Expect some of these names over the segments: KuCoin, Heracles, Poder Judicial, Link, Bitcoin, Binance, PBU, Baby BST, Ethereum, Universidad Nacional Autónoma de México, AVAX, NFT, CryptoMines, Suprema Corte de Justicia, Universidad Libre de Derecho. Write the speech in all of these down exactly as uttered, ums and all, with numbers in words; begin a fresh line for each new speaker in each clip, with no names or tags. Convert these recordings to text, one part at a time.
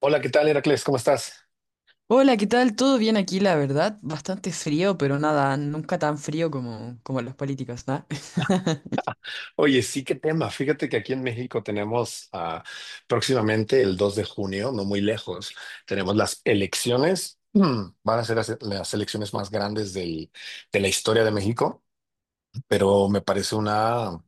Hola, ¿qué tal, Heracles? ¿Cómo estás?
Hola, ¿qué tal? ¿Todo bien aquí, la verdad? Bastante frío, pero nada, nunca tan frío como, como los políticos, ¿no?
Oye, sí, qué tema. Fíjate que aquí en México tenemos ah, próximamente el dos de junio, no muy lejos, tenemos las elecciones. Mm, Van a ser las, las elecciones más grandes del- de la historia de México. Pero me parece una,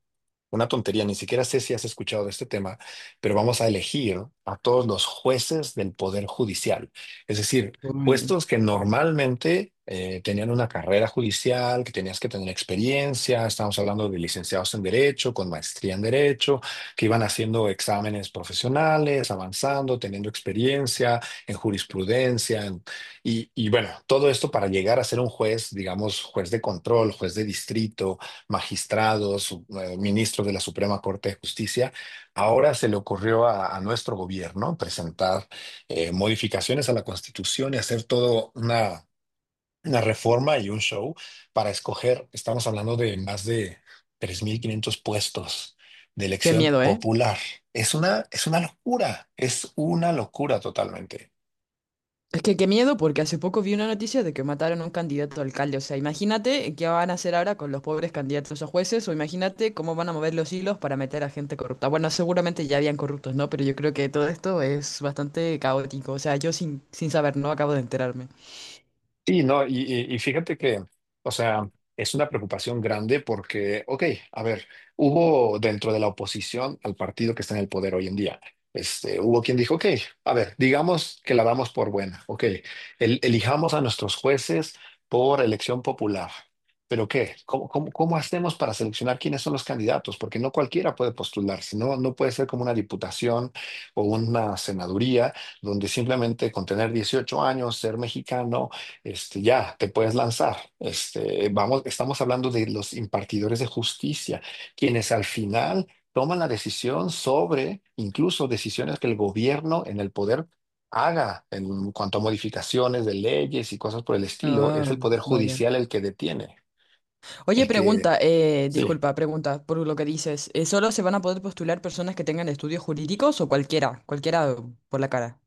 una tontería. Ni siquiera sé si has escuchado de este tema, pero vamos a elegir a todos los jueces del Poder Judicial. Es decir,
Uy.
puestos que normalmente eh, tenían una carrera judicial, que tenías que tener experiencia. Estamos hablando de licenciados en Derecho, con maestría en Derecho, que iban haciendo exámenes profesionales, avanzando, teniendo experiencia en jurisprudencia, en y, y bueno, todo esto para llegar a ser un juez, digamos, juez de control, juez de distrito, magistrados, eh, ministros de la Suprema Corte de Justicia, ahora se le ocurrió a, a nuestro gobierno presentar eh, modificaciones a la Constitución y hacer todo una, una reforma y un show para escoger, estamos hablando de más de tres mil quinientos puestos de
Qué
elección
miedo, ¿eh?
popular. Es una, es una locura, es una locura totalmente.
Es que qué miedo porque hace poco vi una noticia de que mataron a un candidato a alcalde. O sea, imagínate qué van a hacer ahora con los pobres candidatos a jueces o imagínate cómo van a mover los hilos para meter a gente corrupta. Bueno, seguramente ya habían corruptos, ¿no? Pero yo creo que todo esto es bastante caótico. O sea, yo sin, sin saber, no acabo de enterarme.
Sí, no, y, y- y fíjate que, o sea, es una preocupación grande porque, ok, a ver, hubo dentro de la oposición al partido que está en el poder hoy en día, este, hubo quien dijo, ok, a ver, digamos que la damos por buena, ok, el- elijamos a nuestros jueces por elección popular, pero ¿qué? ¿Cómo, cómo, cómo hacemos para seleccionar quiénes son los candidatos? Porque no cualquiera puede postularse, no, no puede ser como una diputación o una senaduría donde simplemente con tener dieciocho años, ser mexicano, este, ya, te puedes lanzar. Este, vamos, estamos hablando de los impartidores de justicia, quienes al final toman la decisión sobre incluso decisiones que el gobierno en el poder haga en cuanto a modificaciones de leyes y cosas por el estilo. Es
Ah,
el poder
vaya.
judicial el que detiene,
Oye,
el que...
pregunta, eh,
Sí.
disculpa, pregunta por lo que dices. Eh, ¿solo se van a poder postular personas que tengan estudios jurídicos o cualquiera? Cualquiera por la cara.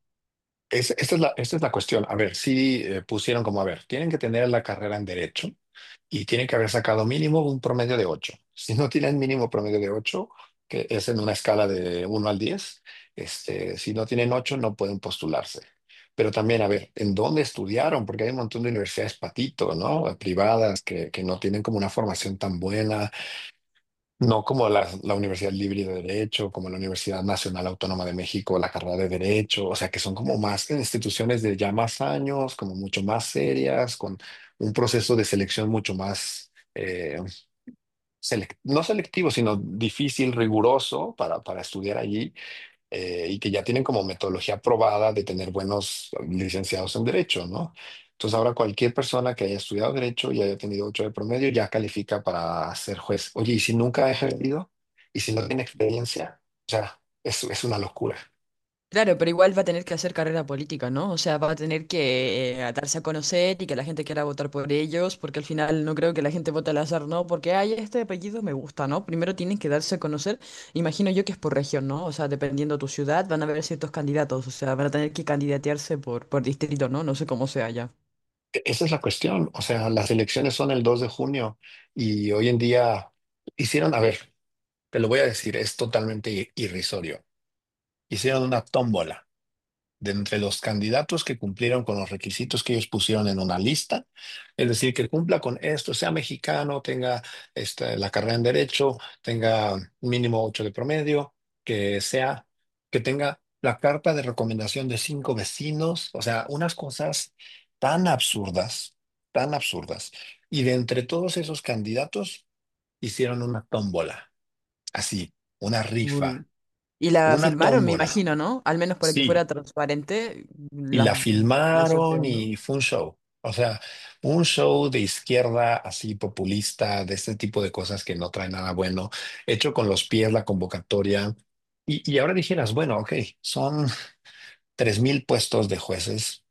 Es- esta es la, esta es la cuestión. A ver, si pusieron como, a ver, tienen que tener la carrera en derecho y tienen que haber sacado mínimo un promedio de ocho. Si no tienen mínimo promedio de ocho, que es en una escala de uno al diez, este, si no tienen ocho no pueden postularse. Pero también, a ver, ¿en dónde estudiaron? Porque hay un montón de universidades patito, ¿no? Privadas que, que no tienen como una formación tan buena, no como la, la Universidad Libre de Derecho, como la Universidad Nacional Autónoma de México, la carrera de Derecho, o sea, que son como más instituciones de ya más años, como mucho más serias, con un proceso de selección mucho más, eh, selec- no selectivo, sino difícil, riguroso para, para estudiar allí, eh, y que ya tienen como metodología probada de tener buenos licenciados en derecho, ¿no? Entonces ahora cualquier persona que haya estudiado derecho y haya tenido ocho de promedio ya califica para ser juez. Oye, ¿y si nunca ha ejercido? ¿Y si no tiene experiencia? O sea, es, es una locura.
Claro, pero igual va a tener que hacer carrera política, ¿no? O sea, va a tener que eh, darse a conocer y que la gente quiera votar por ellos, porque al final no creo que la gente vote al azar, ¿no? Porque, ay, este apellido me gusta, ¿no? Primero tienen que darse a conocer, imagino yo que es por región, ¿no? O sea, dependiendo tu ciudad, van a haber ciertos candidatos, o sea, van a tener que candidatearse por, por distrito, ¿no? No sé cómo sea ya.
E- Esa es la cuestión. O sea, las elecciones son el dos de junio y hoy en día hicieron, a ver, te lo voy a decir, es totalmente i- irrisorio. Hicieron una tómbola de entre los candidatos que cumplieron con los requisitos que ellos pusieron en una lista, es decir, que cumpla con esto, sea mexicano, tenga este, la carrera en derecho, tenga mínimo ocho de promedio, que sea, que tenga la carta de recomendación de cinco vecinos, o sea, unas cosas tan absurdas, tan absurdas. Y de entre todos esos candidatos hicieron una tómbola, así, una rifa,
Muy. Y la
una
filmaron, me
tómbola.
imagino, ¿no? Al menos para que
Sí,
fuera transparente,
y
la,
la
el
filmaron
sorteo, ¿no?
y fue un show. O sea, un show de izquierda así populista, de este tipo de cosas que no trae nada bueno, hecho con los pies la convocatoria. Y, y ahora dijeras, bueno, ok, son tres mil puestos de jueces,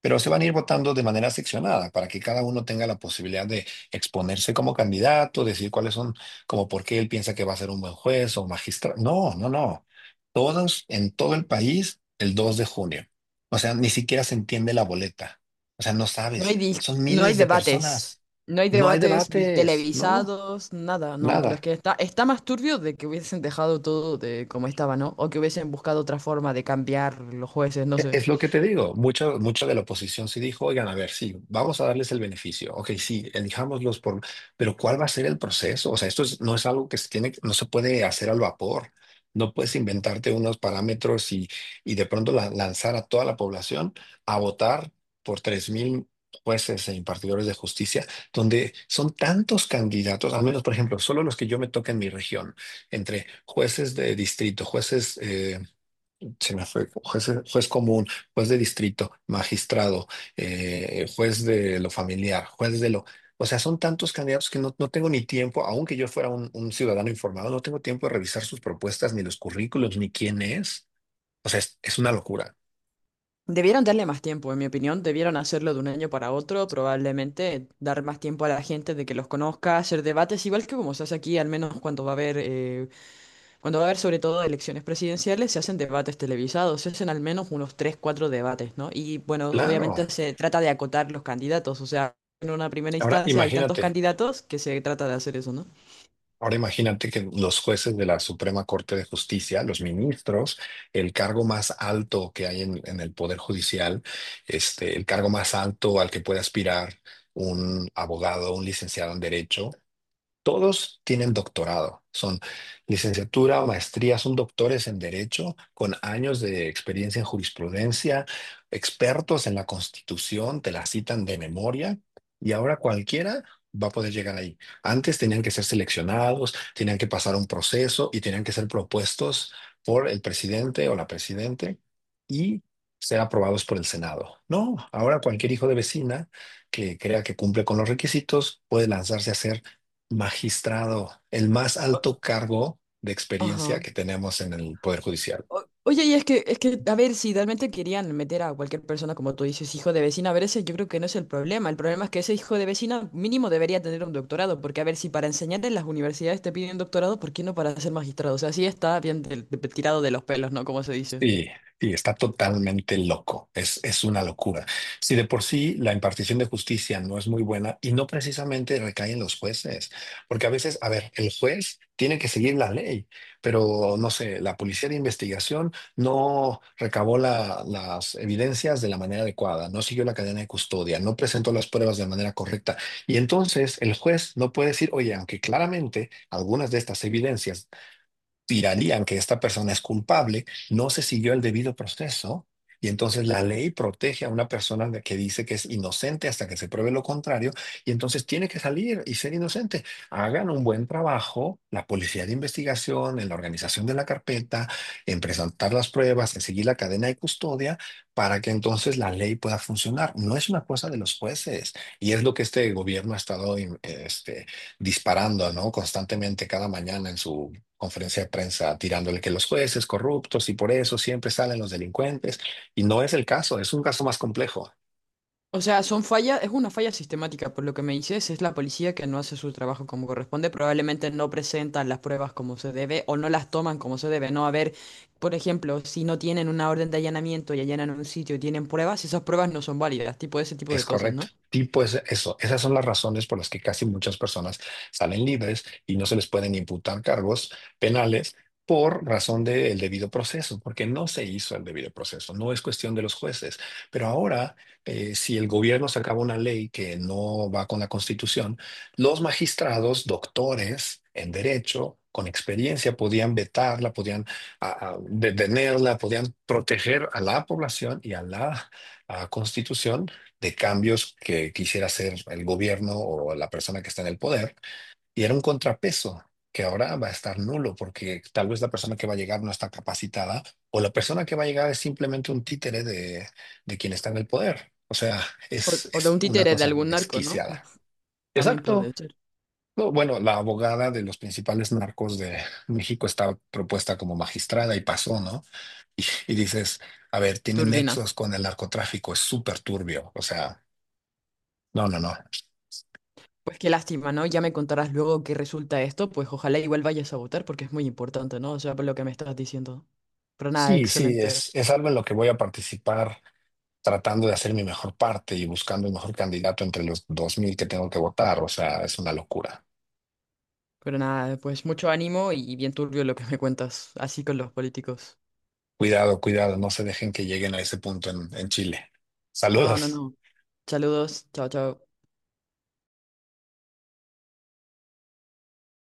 pero se van a ir votando de manera seccionada para que cada uno tenga la posibilidad de exponerse como candidato, decir cuáles son, como por qué él piensa que va a ser un buen juez o magistrado. No, no, no. Todos en todo el país el dos de junio. O sea, ni siquiera se entiende la boleta. O sea, no
No
sabes.
hay, dis-
Son
no hay
miles de
debates.
personas.
No hay
No hay
debates vi-
debates. No,
televisados, nada, no, pero es
nada.
que está, está más turbio de que hubiesen dejado todo de como estaba, ¿no? O que hubiesen buscado otra forma de cambiar los jueces, no
E-
sé.
Es lo que te digo, mucha, mucha de la oposición sí dijo, oigan, a ver, sí, vamos a darles el beneficio, ok, sí, elijámoslos por, pero ¿cuál va a ser el proceso? O sea, esto es- no es algo que se tiene, no se puede hacer al vapor, no puedes inventarte unos parámetros y, y, de pronto la- lanzar a toda la población a votar por tres mil jueces e impartidores de justicia, donde son tantos candidatos, al menos, por ejemplo, solo los que yo me toca en mi región, entre jueces de distrito, jueces eh, se me fue juez, juez común, juez de distrito, magistrado, eh, juez de lo familiar, juez de lo... O sea, son tantos candidatos que no, no tengo ni tiempo, aunque yo fuera un, un ciudadano informado, no tengo tiempo de revisar sus propuestas, ni los currículos, ni quién es. O sea, es, es una locura.
Debieron darle más tiempo, en mi opinión, debieron hacerlo de un año para otro, probablemente dar más tiempo a la gente de que los conozca, hacer debates, igual que como se hace aquí, al menos cuando va a haber eh, cuando va a haber sobre todo elecciones presidenciales, se hacen debates televisados, se hacen al menos unos tres, cuatro debates, ¿no? Y bueno,
Claro.
obviamente se trata de acotar los candidatos, o sea, en una primera
Ahora,
instancia hay tantos
imagínate.
candidatos que se trata de hacer eso, ¿no?
Ahora imagínate que los jueces de la Suprema Corte de Justicia, los ministros, el cargo más alto que hay en, en el Poder Judicial, este, el cargo más alto al que puede aspirar un abogado, un licenciado en Derecho, todos tienen doctorado, son licenciatura, maestría, son doctores en derecho con años de experiencia en jurisprudencia, expertos en la Constitución, te la citan de memoria y ahora cualquiera va a poder llegar ahí. Antes tenían que ser seleccionados, tenían que pasar un proceso y tenían que ser propuestos por el presidente o la presidente y ser aprobados por el Senado. No, ahora cualquier hijo de vecina que crea que cumple con los requisitos puede lanzarse a ser magistrado, el más alto
O-
cargo de experiencia
Ajá.
que tenemos en el Poder Judicial.
O- Oye, y es que, es que, a ver, si realmente querían meter a cualquier persona, como tú dices, hijo de vecina, a ver, ese yo creo que no es el problema. El problema es que ese hijo de vecina mínimo debería tener un doctorado, porque a ver, si para enseñar en las universidades te piden doctorado, ¿por qué no para ser magistrado? O sea, sí está bien del- de- tirado de los pelos, ¿no? Como se dice.
Sí, sí, está totalmente loco. Es, es una locura. Si de por sí la impartición de justicia no es muy buena y no precisamente recae en los jueces, porque a veces, a ver, el juez tiene que seguir la ley, pero no sé, la policía de investigación no recabó la- las evidencias de la manera adecuada, no siguió la cadena de custodia, no presentó las pruebas de manera correcta. Y entonces el juez no puede decir, oye, aunque claramente algunas de estas evidencias tirarían que esta persona es culpable, no se siguió el debido proceso, y entonces la ley protege a una persona de- que dice que es inocente hasta que se pruebe lo contrario, y entonces tiene que salir y ser inocente. Hagan un buen trabajo, la policía de investigación, en la organización de la carpeta, en presentar las pruebas, en seguir la cadena de custodia para que entonces la ley pueda funcionar. No es una cosa de los jueces y es lo que este gobierno ha estado em, este, disparando, ¿no? Constantemente cada mañana en su conferencia de prensa tirándole que los jueces corruptos y por eso siempre salen los delincuentes. Y no es el caso, es un caso más complejo.
O sea, son fallas, es una falla sistemática, por lo que me dices, es la policía que no hace su trabajo como corresponde, probablemente no presentan las pruebas como se debe o no las toman como se debe, ¿no? A ver, por ejemplo, si no tienen una orden de allanamiento y allanan un sitio y tienen pruebas, esas pruebas no son válidas, tipo ese tipo de
Es
cosas,
correcto.
¿no?
Tipo es eso. Esas son las razones por las que casi muchas personas salen libres y no se les pueden imputar cargos penales por razón del debido proceso, porque no se hizo el debido proceso. No es cuestión de los jueces. Pero ahora, eh, si el gobierno sacaba una ley que no va con la Constitución, los magistrados, doctores en derecho, con experiencia, podían vetarla, podían ah, ah, detenerla, podían proteger a la población y a la ah, Constitución de cambios que quisiera hacer el gobierno o la persona que está en el poder, y era un contrapeso que ahora va a estar nulo porque tal vez la persona que va a llegar no está capacitada o la persona que va a llegar es simplemente un títere de, de quien está en el poder. O sea,
O,
es,
o de
es
un
una
títere de
cosa
algún narco, ¿no?
desquiciada.
También
Exacto.
puede ser.
No, bueno, la abogada de los principales narcos de México estaba propuesta como magistrada y pasó, ¿no? Y dices, a ver, tiene
Turbina.
nexos con el narcotráfico, es súper turbio. O sea, no, no, no.
Pues qué lástima, ¿no? Ya me contarás luego qué resulta esto, pues ojalá igual vayas a votar porque es muy importante, ¿no? O sea, por lo que me estás diciendo. Pero nada,
Sí, sí,
excelente.
es, es algo en lo que voy a participar tratando de hacer mi mejor parte y buscando el mejor candidato entre los dos mil que tengo que votar. O sea, es una locura.
Pero nada, pues mucho ánimo y bien turbio lo que me cuentas, así con los políticos.
Cuidado, cuidado, no se dejen que lleguen a ese punto en, en Chile.
No, no,
Saludos.
no. Saludos, chao, chao.